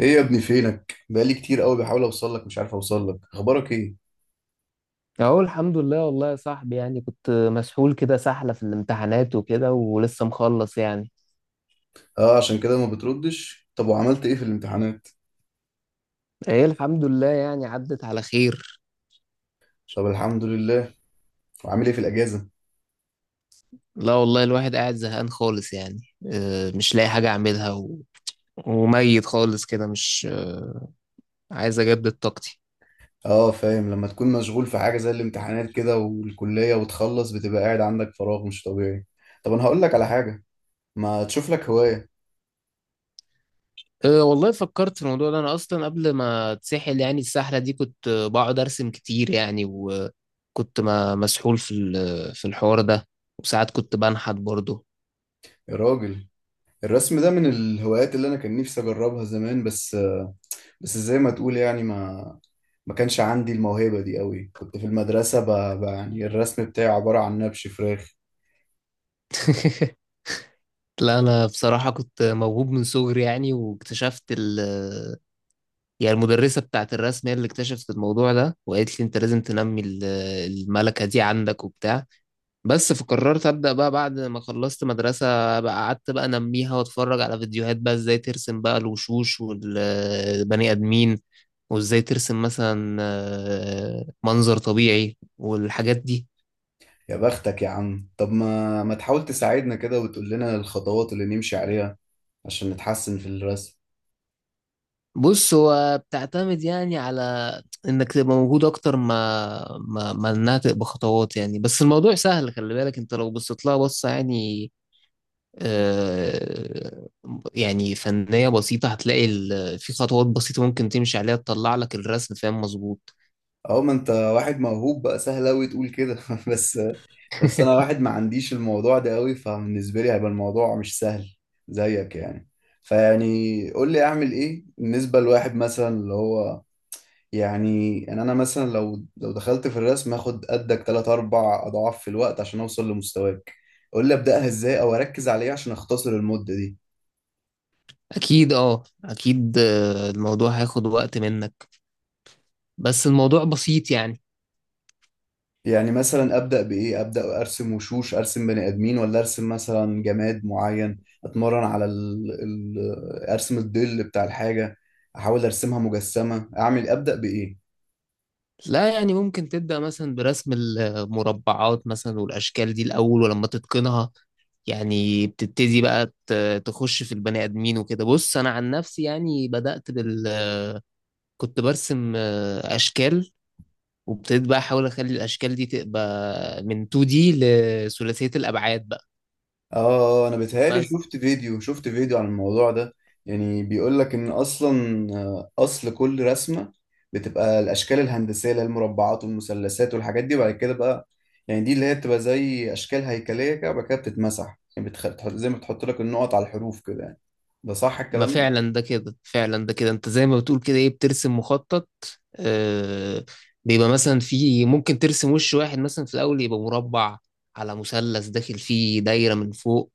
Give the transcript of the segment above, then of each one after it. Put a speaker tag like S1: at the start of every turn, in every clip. S1: ايه يا ابني؟ فينك؟ بقالي كتير قوي بحاول اوصل لك، مش عارف اوصل لك. اخبارك ايه؟
S2: اهو الحمد لله، والله يا صاحبي، يعني كنت مسحول كده سحلة في الامتحانات وكده ولسه مخلص يعني.
S1: اه، عشان كده ما بتردش. طب وعملت ايه في الامتحانات؟
S2: ايه، الحمد لله يعني عدت على خير.
S1: طب الحمد لله. وعامل ايه في الاجازه؟
S2: لا والله الواحد قاعد زهقان خالص يعني. مش لاقي حاجة اعملها وميت خالص كده مش، عايز اجدد طاقتي.
S1: اه فاهم، لما تكون مشغول في حاجه زي الامتحانات كده والكليه وتخلص بتبقى قاعد عندك فراغ مش طبيعي. طب انا هقول لك على حاجه. ما تشوف لك هوايه.
S2: أه والله، فكرت في الموضوع ده انا اصلا قبل ما اتسحل، يعني السحلة دي كنت بقعد ارسم كتير يعني، وكنت ما مسحول في في الحوار ده. وساعات كنت بنحت برضه.
S1: يا راجل، الرسم ده من الهوايات اللي انا كان نفسي اجربها زمان. بس زي ما تقول يعني، ما كانش عندي الموهبة دي قوي. كنت في المدرسة يعني الرسم بتاعي عبارة عن نبش فراخ.
S2: لا انا بصراحه كنت موهوب من صغري يعني، واكتشفت يعني المدرسه بتاعت الرسم هي اللي اكتشفت الموضوع ده، وقالت لي انت لازم تنمي الملكه دي عندك وبتاع. بس فقررت ابدا بقى بعد ما خلصت مدرسه، بقى قعدت بقى انميها، واتفرج على فيديوهات بقى ازاي ترسم بقى الوشوش والبني ادمين، وازاي ترسم مثلا منظر طبيعي والحاجات دي.
S1: يا بختك يا عم، طب ما تحاول تساعدنا كده وتقول لنا الخطوات اللي نمشي عليها عشان نتحسن في الرسم.
S2: بص، هو بتعتمد يعني على انك تبقى موجود اكتر ما انها تبقى خطوات يعني، بس الموضوع سهل. خلي بالك انت لو بصيت لها بصة يعني آه يعني فنية بسيطة، هتلاقي في خطوات بسيطة ممكن تمشي عليها تطلع لك الرسم، فاهم؟ مظبوط.
S1: اه، ما انت واحد موهوب بقى سهل قوي تقول كده. بس بس انا واحد ما عنديش الموضوع ده قوي، فبالنسبه لي هيبقى الموضوع مش سهل زيك يعني. فيعني قول لي اعمل ايه بالنسبه لواحد مثلا اللي هو، يعني انا مثلا لو دخلت في الرسم هاخد قدك 3 4 اضعاف في الوقت عشان اوصل لمستواك. قول لي ابداها ازاي او اركز على ايه عشان اختصر المده دي.
S2: اكيد، اه، اكيد. الموضوع هياخد وقت منك، بس الموضوع بسيط يعني.
S1: يعني مثلا ابدا بايه؟ ابدا ارسم وشوش، ارسم بني ادمين، ولا ارسم مثلا جماد معين، اتمرن على ارسم الظل بتاع الحاجه، احاول ارسمها مجسمه؟ اعمل ابدا بايه؟
S2: لا يعني ممكن تبدأ مثلا برسم المربعات مثلا والأشكال دي الأول، ولما تتقنها يعني بتبتدي بقى تخش في البني آدمين وكده. بص أنا عن نفسي يعني، بدأت بال كنت برسم أشكال، وابتديت بقى أحاول أخلي الأشكال دي تبقى من 2D لثلاثية الأبعاد بقى.
S1: اه انا بيتهيألي
S2: بس
S1: شفت فيديو عن الموضوع ده، يعني بيقول لك ان اصلا، اصل كل رسمه بتبقى الاشكال الهندسيه اللي هي المربعات والمثلثات والحاجات دي، وبعد كده بقى، يعني دي اللي هي بتبقى زي اشكال هيكليه كده، وبعد كده بتتمسح، يعني زي ما بتحط لك النقط على الحروف كده يعني. ده صح
S2: ما
S1: الكلام ده؟
S2: فعلا ده كده، انت زي ما بتقول كده، ايه، بترسم مخطط. آه بيبقى مثلا، في ممكن ترسم وش واحد مثلا، في الاول يبقى مربع على مثلث داخل فيه دايره من فوق.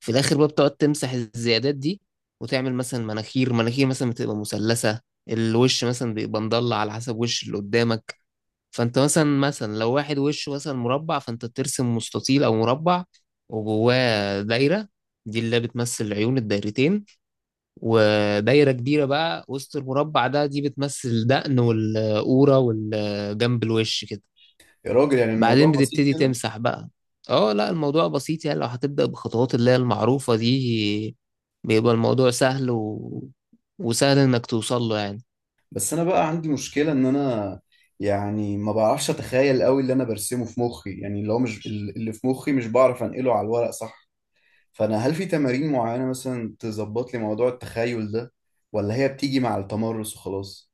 S2: في الاخر بقى بتقعد تمسح الزيادات دي، وتعمل مثلا مناخير، مناخير مثلا بتبقى مثلثه. الوش مثلا بيبقى مضلع على حسب وش اللي قدامك. فانت مثلا، لو واحد وشه مثلا مربع، فانت بترسم مستطيل او مربع، وجواه دايره، دي اللي بتمثل عيون الدايرتين. ودايرة كبيرة بقى وسط المربع ده، دي بتمثل الدقن والقورة والجنب الوش كده.
S1: يا راجل، يعني
S2: بعدين
S1: الموضوع بسيط
S2: بتبتدي
S1: كده.
S2: تمسح بقى. اه لا، الموضوع بسيط يعني، لو هتبدأ بخطوات اللي هي المعروفة دي، بيبقى الموضوع سهل وسهل انك توصل له يعني.
S1: بس انا بقى عندي مشكلة، ان انا يعني ما بعرفش اتخيل قوي اللي انا برسمه في مخي، يعني اللي هو مش اللي في مخي مش بعرف انقله على الورق صح. فانا هل في تمارين معينة مثلا تظبط لي موضوع التخيل ده؟ ولا هي بتيجي مع التمرس وخلاص؟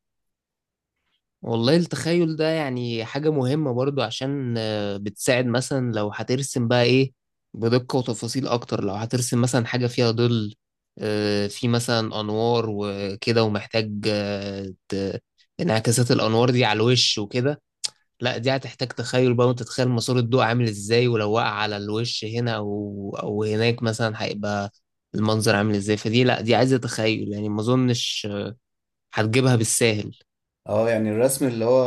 S2: والله، التخيل ده يعني حاجة مهمة برضو، عشان بتساعد مثلا لو هترسم بقى ايه بدقة وتفاصيل اكتر. لو هترسم مثلا حاجة فيها ظل، في مثلا انوار وكده، ومحتاج انعكاسات الانوار دي على الوش وكده. لا دي هتحتاج تخيل بقى، وانت تتخيل مسار الضوء عامل ازاي، ولو وقع على الوش هنا او هناك مثلا، هيبقى المنظر عامل ازاي. فدي، لا، دي عايزة تخيل يعني، ما اظنش هتجيبها بالساهل.
S1: اه يعني الرسم اللي هو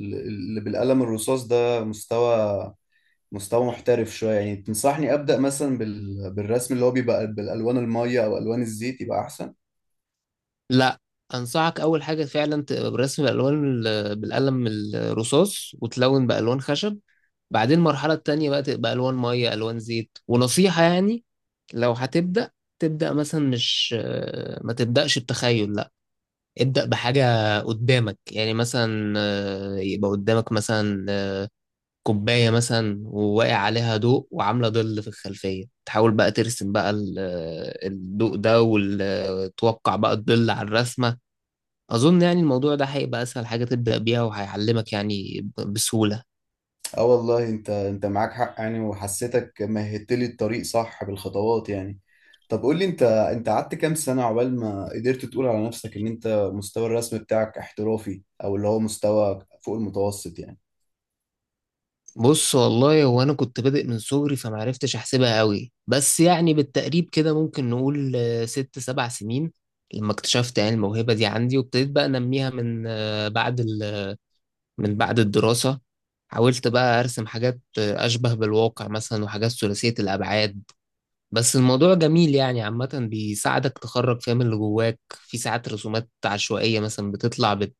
S1: اللي بالقلم الرصاص ده، مستوى محترف شوية، يعني تنصحني ابدأ مثلا بالرسم اللي هو بيبقى بالالوان المية او الوان الزيت يبقى احسن؟
S2: لا انصحك اول حاجه فعلا برسم الالوان بالقلم الرصاص، وتلون بالوان خشب. بعدين المرحله التانية بقى تبقى الوان ميه، الوان زيت. ونصيحه يعني، لو هتبدا، تبدا مثلا مش ما تبداش بتخيل، لا. ابدا بحاجه قدامك يعني، مثلا يبقى قدامك مثلا كوبايه مثلا وواقع عليها ضوء وعامله ظل في الخلفيه، تحاول بقى ترسم بقى الضوء ده، وتوقع بقى الظل على الرسمه. أظن يعني الموضوع ده هيبقى أسهل حاجة تبدأ بيها، وهيعلمك يعني بسهولة.
S1: اه والله، انت معاك حق يعني، وحسيتك مهدت لي الطريق صح بالخطوات يعني. طب قول لي، انت قعدت كام سنة عقبال ما قدرت تقول على نفسك ان انت مستوى الرسم بتاعك احترافي، او اللي هو مستوى فوق المتوسط يعني؟
S2: بص، والله هو أنا كنت بادئ من صغري، فمعرفتش أحسبها قوي، بس يعني بالتقريب كده ممكن نقول ست سبع سنين، لما اكتشفت يعني الموهبة دي عندي، وابتديت بقى أنميها من من بعد الدراسة. حاولت بقى أرسم حاجات أشبه بالواقع مثلا، وحاجات ثلاثية الأبعاد. بس الموضوع جميل يعني عامة، بيساعدك تخرج فاهم اللي جواك. في ساعات رسومات عشوائية مثلا بتطلع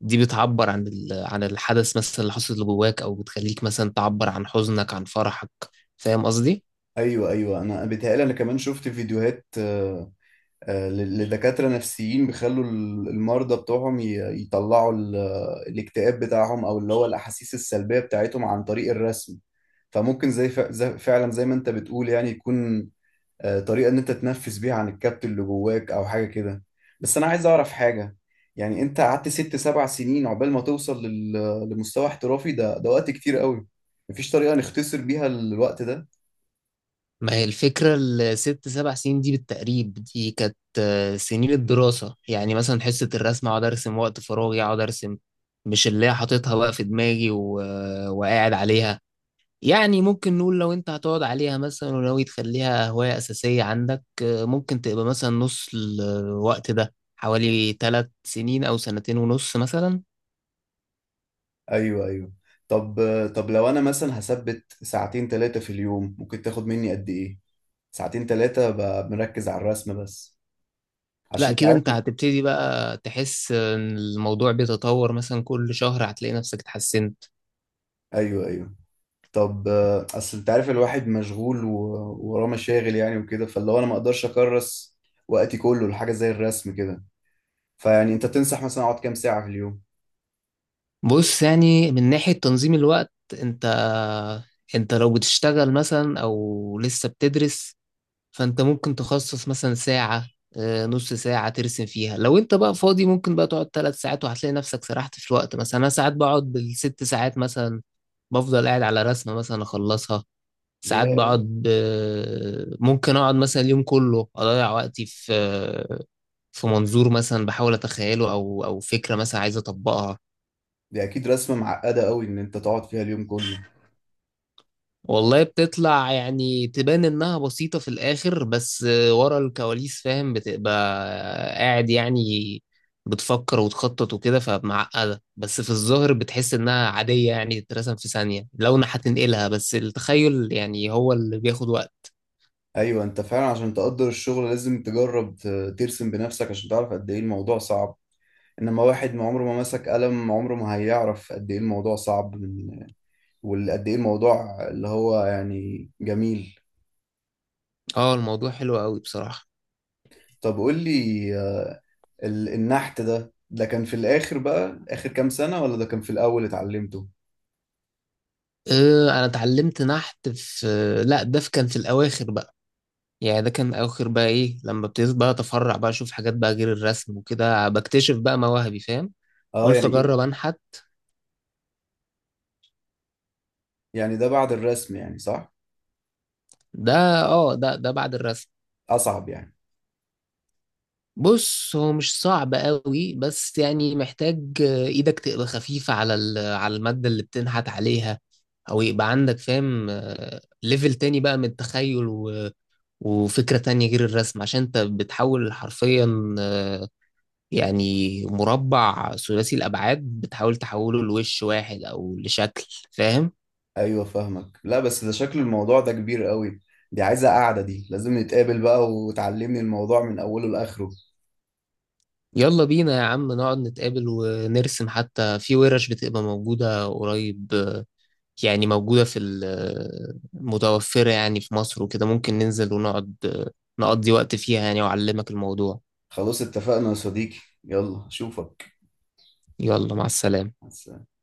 S2: دي بتعبر عن عن الحدث مثلا اللي حصل، اللي جواك، أو بتخليك مثلا تعبر عن حزنك، عن فرحك. فاهم قصدي؟
S1: ايوه، ايوه، انا بيتهيألي انا كمان شفت فيديوهات، لدكاترة نفسيين، بيخلوا المرضى بتوعهم يطلعوا الاكتئاب بتاعهم، او اللي هو الاحاسيس السلبية بتاعتهم، عن طريق الرسم. فممكن زي فعلا زي ما انت بتقول، يعني يكون طريقة إن أنت تنفس بيها عن الكبت اللي جواك أو حاجة كده. بس أنا عايز أعرف حاجة، يعني أنت قعدت 6 7 سنين عقبال ما توصل لمستوى احترافي، ده وقت كتير قوي. مفيش طريقة نختصر بيها الوقت ده؟
S2: ما هي الفكرة، الست سبع سنين دي بالتقريب دي كانت سنين الدراسة، يعني مثلا حصة الرسم أقعد أرسم، وقت فراغي أقعد أرسم، مش اللي هي حاططها بقى في دماغي وقاعد عليها. يعني ممكن نقول لو انت هتقعد عليها مثلا، وناوي تخليها هواية أساسية عندك، ممكن تبقى مثلا نص الوقت ده، حوالي ثلاث سنين أو سنتين ونص مثلا.
S1: أيوه، أيوه. طب لو أنا مثلا هثبت ساعتين تلاتة في اليوم ممكن تاخد مني قد إيه؟ ساعتين تلاتة مركز على الرسم بس،
S2: لا
S1: عشان
S2: كده انت
S1: تعرف.
S2: هتبتدي بقى تحس ان الموضوع بيتطور، مثلا كل شهر هتلاقي نفسك اتحسنت.
S1: أيوه، أيوه. طب اصل انت عارف الواحد مشغول ووراه مشاغل يعني وكده، فاللي هو انا ما اقدرش اكرس وقتي كله لحاجه زي الرسم كده. فيعني انت تنصح مثلا اقعد كام ساعه في اليوم؟
S2: بص يعني، من ناحية تنظيم الوقت، انت انت لو بتشتغل مثلا او لسه بتدرس، فانت ممكن تخصص مثلا ساعة، نص ساعة ترسم فيها. لو انت بقى فاضي ممكن بقى تقعد ثلاث ساعات، وهتلاقي نفسك سرحت في الوقت. مثلا انا ساعات بقعد بالست ساعات مثلا، بفضل قاعد على رسمة مثلا اخلصها. ساعات
S1: ياه،
S2: بقعد ممكن اقعد مثلا اليوم كله اضيع وقتي في منظور مثلا بحاول اتخيله، او فكرة مثلا عايز اطبقها.
S1: دي اكيد رسمه معقده قوي ان انت تقعد فيها اليوم كله.
S2: والله، بتطلع يعني تبان انها بسيطة في الاخر، بس ورا الكواليس، فاهم؟ بتبقى قاعد يعني، بتفكر وتخطط وكده، فمعقدة. بس في الظاهر بتحس انها عادية يعني، تترسم في ثانية لو انا هتنقلها، بس التخيل يعني هو اللي بياخد وقت.
S1: ايوه، انت فعلا عشان تقدر الشغل لازم تجرب ترسم بنفسك عشان تعرف قد ايه الموضوع صعب. انما واحد ما عمره ما مسك قلم عمره ما هيعرف قد ايه الموضوع صعب من، وقد ايه الموضوع اللي هو يعني جميل.
S2: اه، الموضوع حلو قوي بصراحة.
S1: طب قول لي، النحت ده كان في الآخر بقى آخر كام سنة، ولا ده كان في الأول اتعلمته؟
S2: أه، انا اتعلمت نحت في، لا ده كان في الاواخر بقى. يعني ده كان اخر بقى ايه، لما ابتديت بقى اتفرع بقى اشوف حاجات بقى غير الرسم وكده، بكتشف بقى مواهبي، فاهم؟
S1: اه،
S2: قلت
S1: يعني إيه،
S2: اجرب انحت.
S1: يعني ده بعد الرسم يعني صح؟
S2: ده اه ده ده بعد الرسم.
S1: أصعب يعني؟
S2: بص، هو مش صعب قوي، بس يعني محتاج ايدك تبقى خفيفة على على المادة اللي بتنحت عليها، او يبقى عندك فاهم ليفل تاني بقى من التخيل، وفكرة تانية غير الرسم، عشان انت بتحول حرفيا يعني مربع ثلاثي الأبعاد، بتحاول تحوله لوش واحد أو لشكل، فاهم؟
S1: أيوه فاهمك. لا بس ده، شكل الموضوع ده كبير قوي، دي عايزة قعدة، دي لازم نتقابل بقى وتعلمني الموضوع من أوله لآخره.
S2: يلا بينا يا عم، نقعد نتقابل ونرسم. حتى في ورش بتبقى موجودة قريب يعني، موجودة في متوفرة يعني في مصر وكده، ممكن ننزل ونقعد، نقضي وقت فيها يعني، وأعلمك الموضوع.
S1: خلاص اتفقنا يا صديقي. يلا أشوفك.
S2: يلا، مع السلامة.
S1: مع السلامة.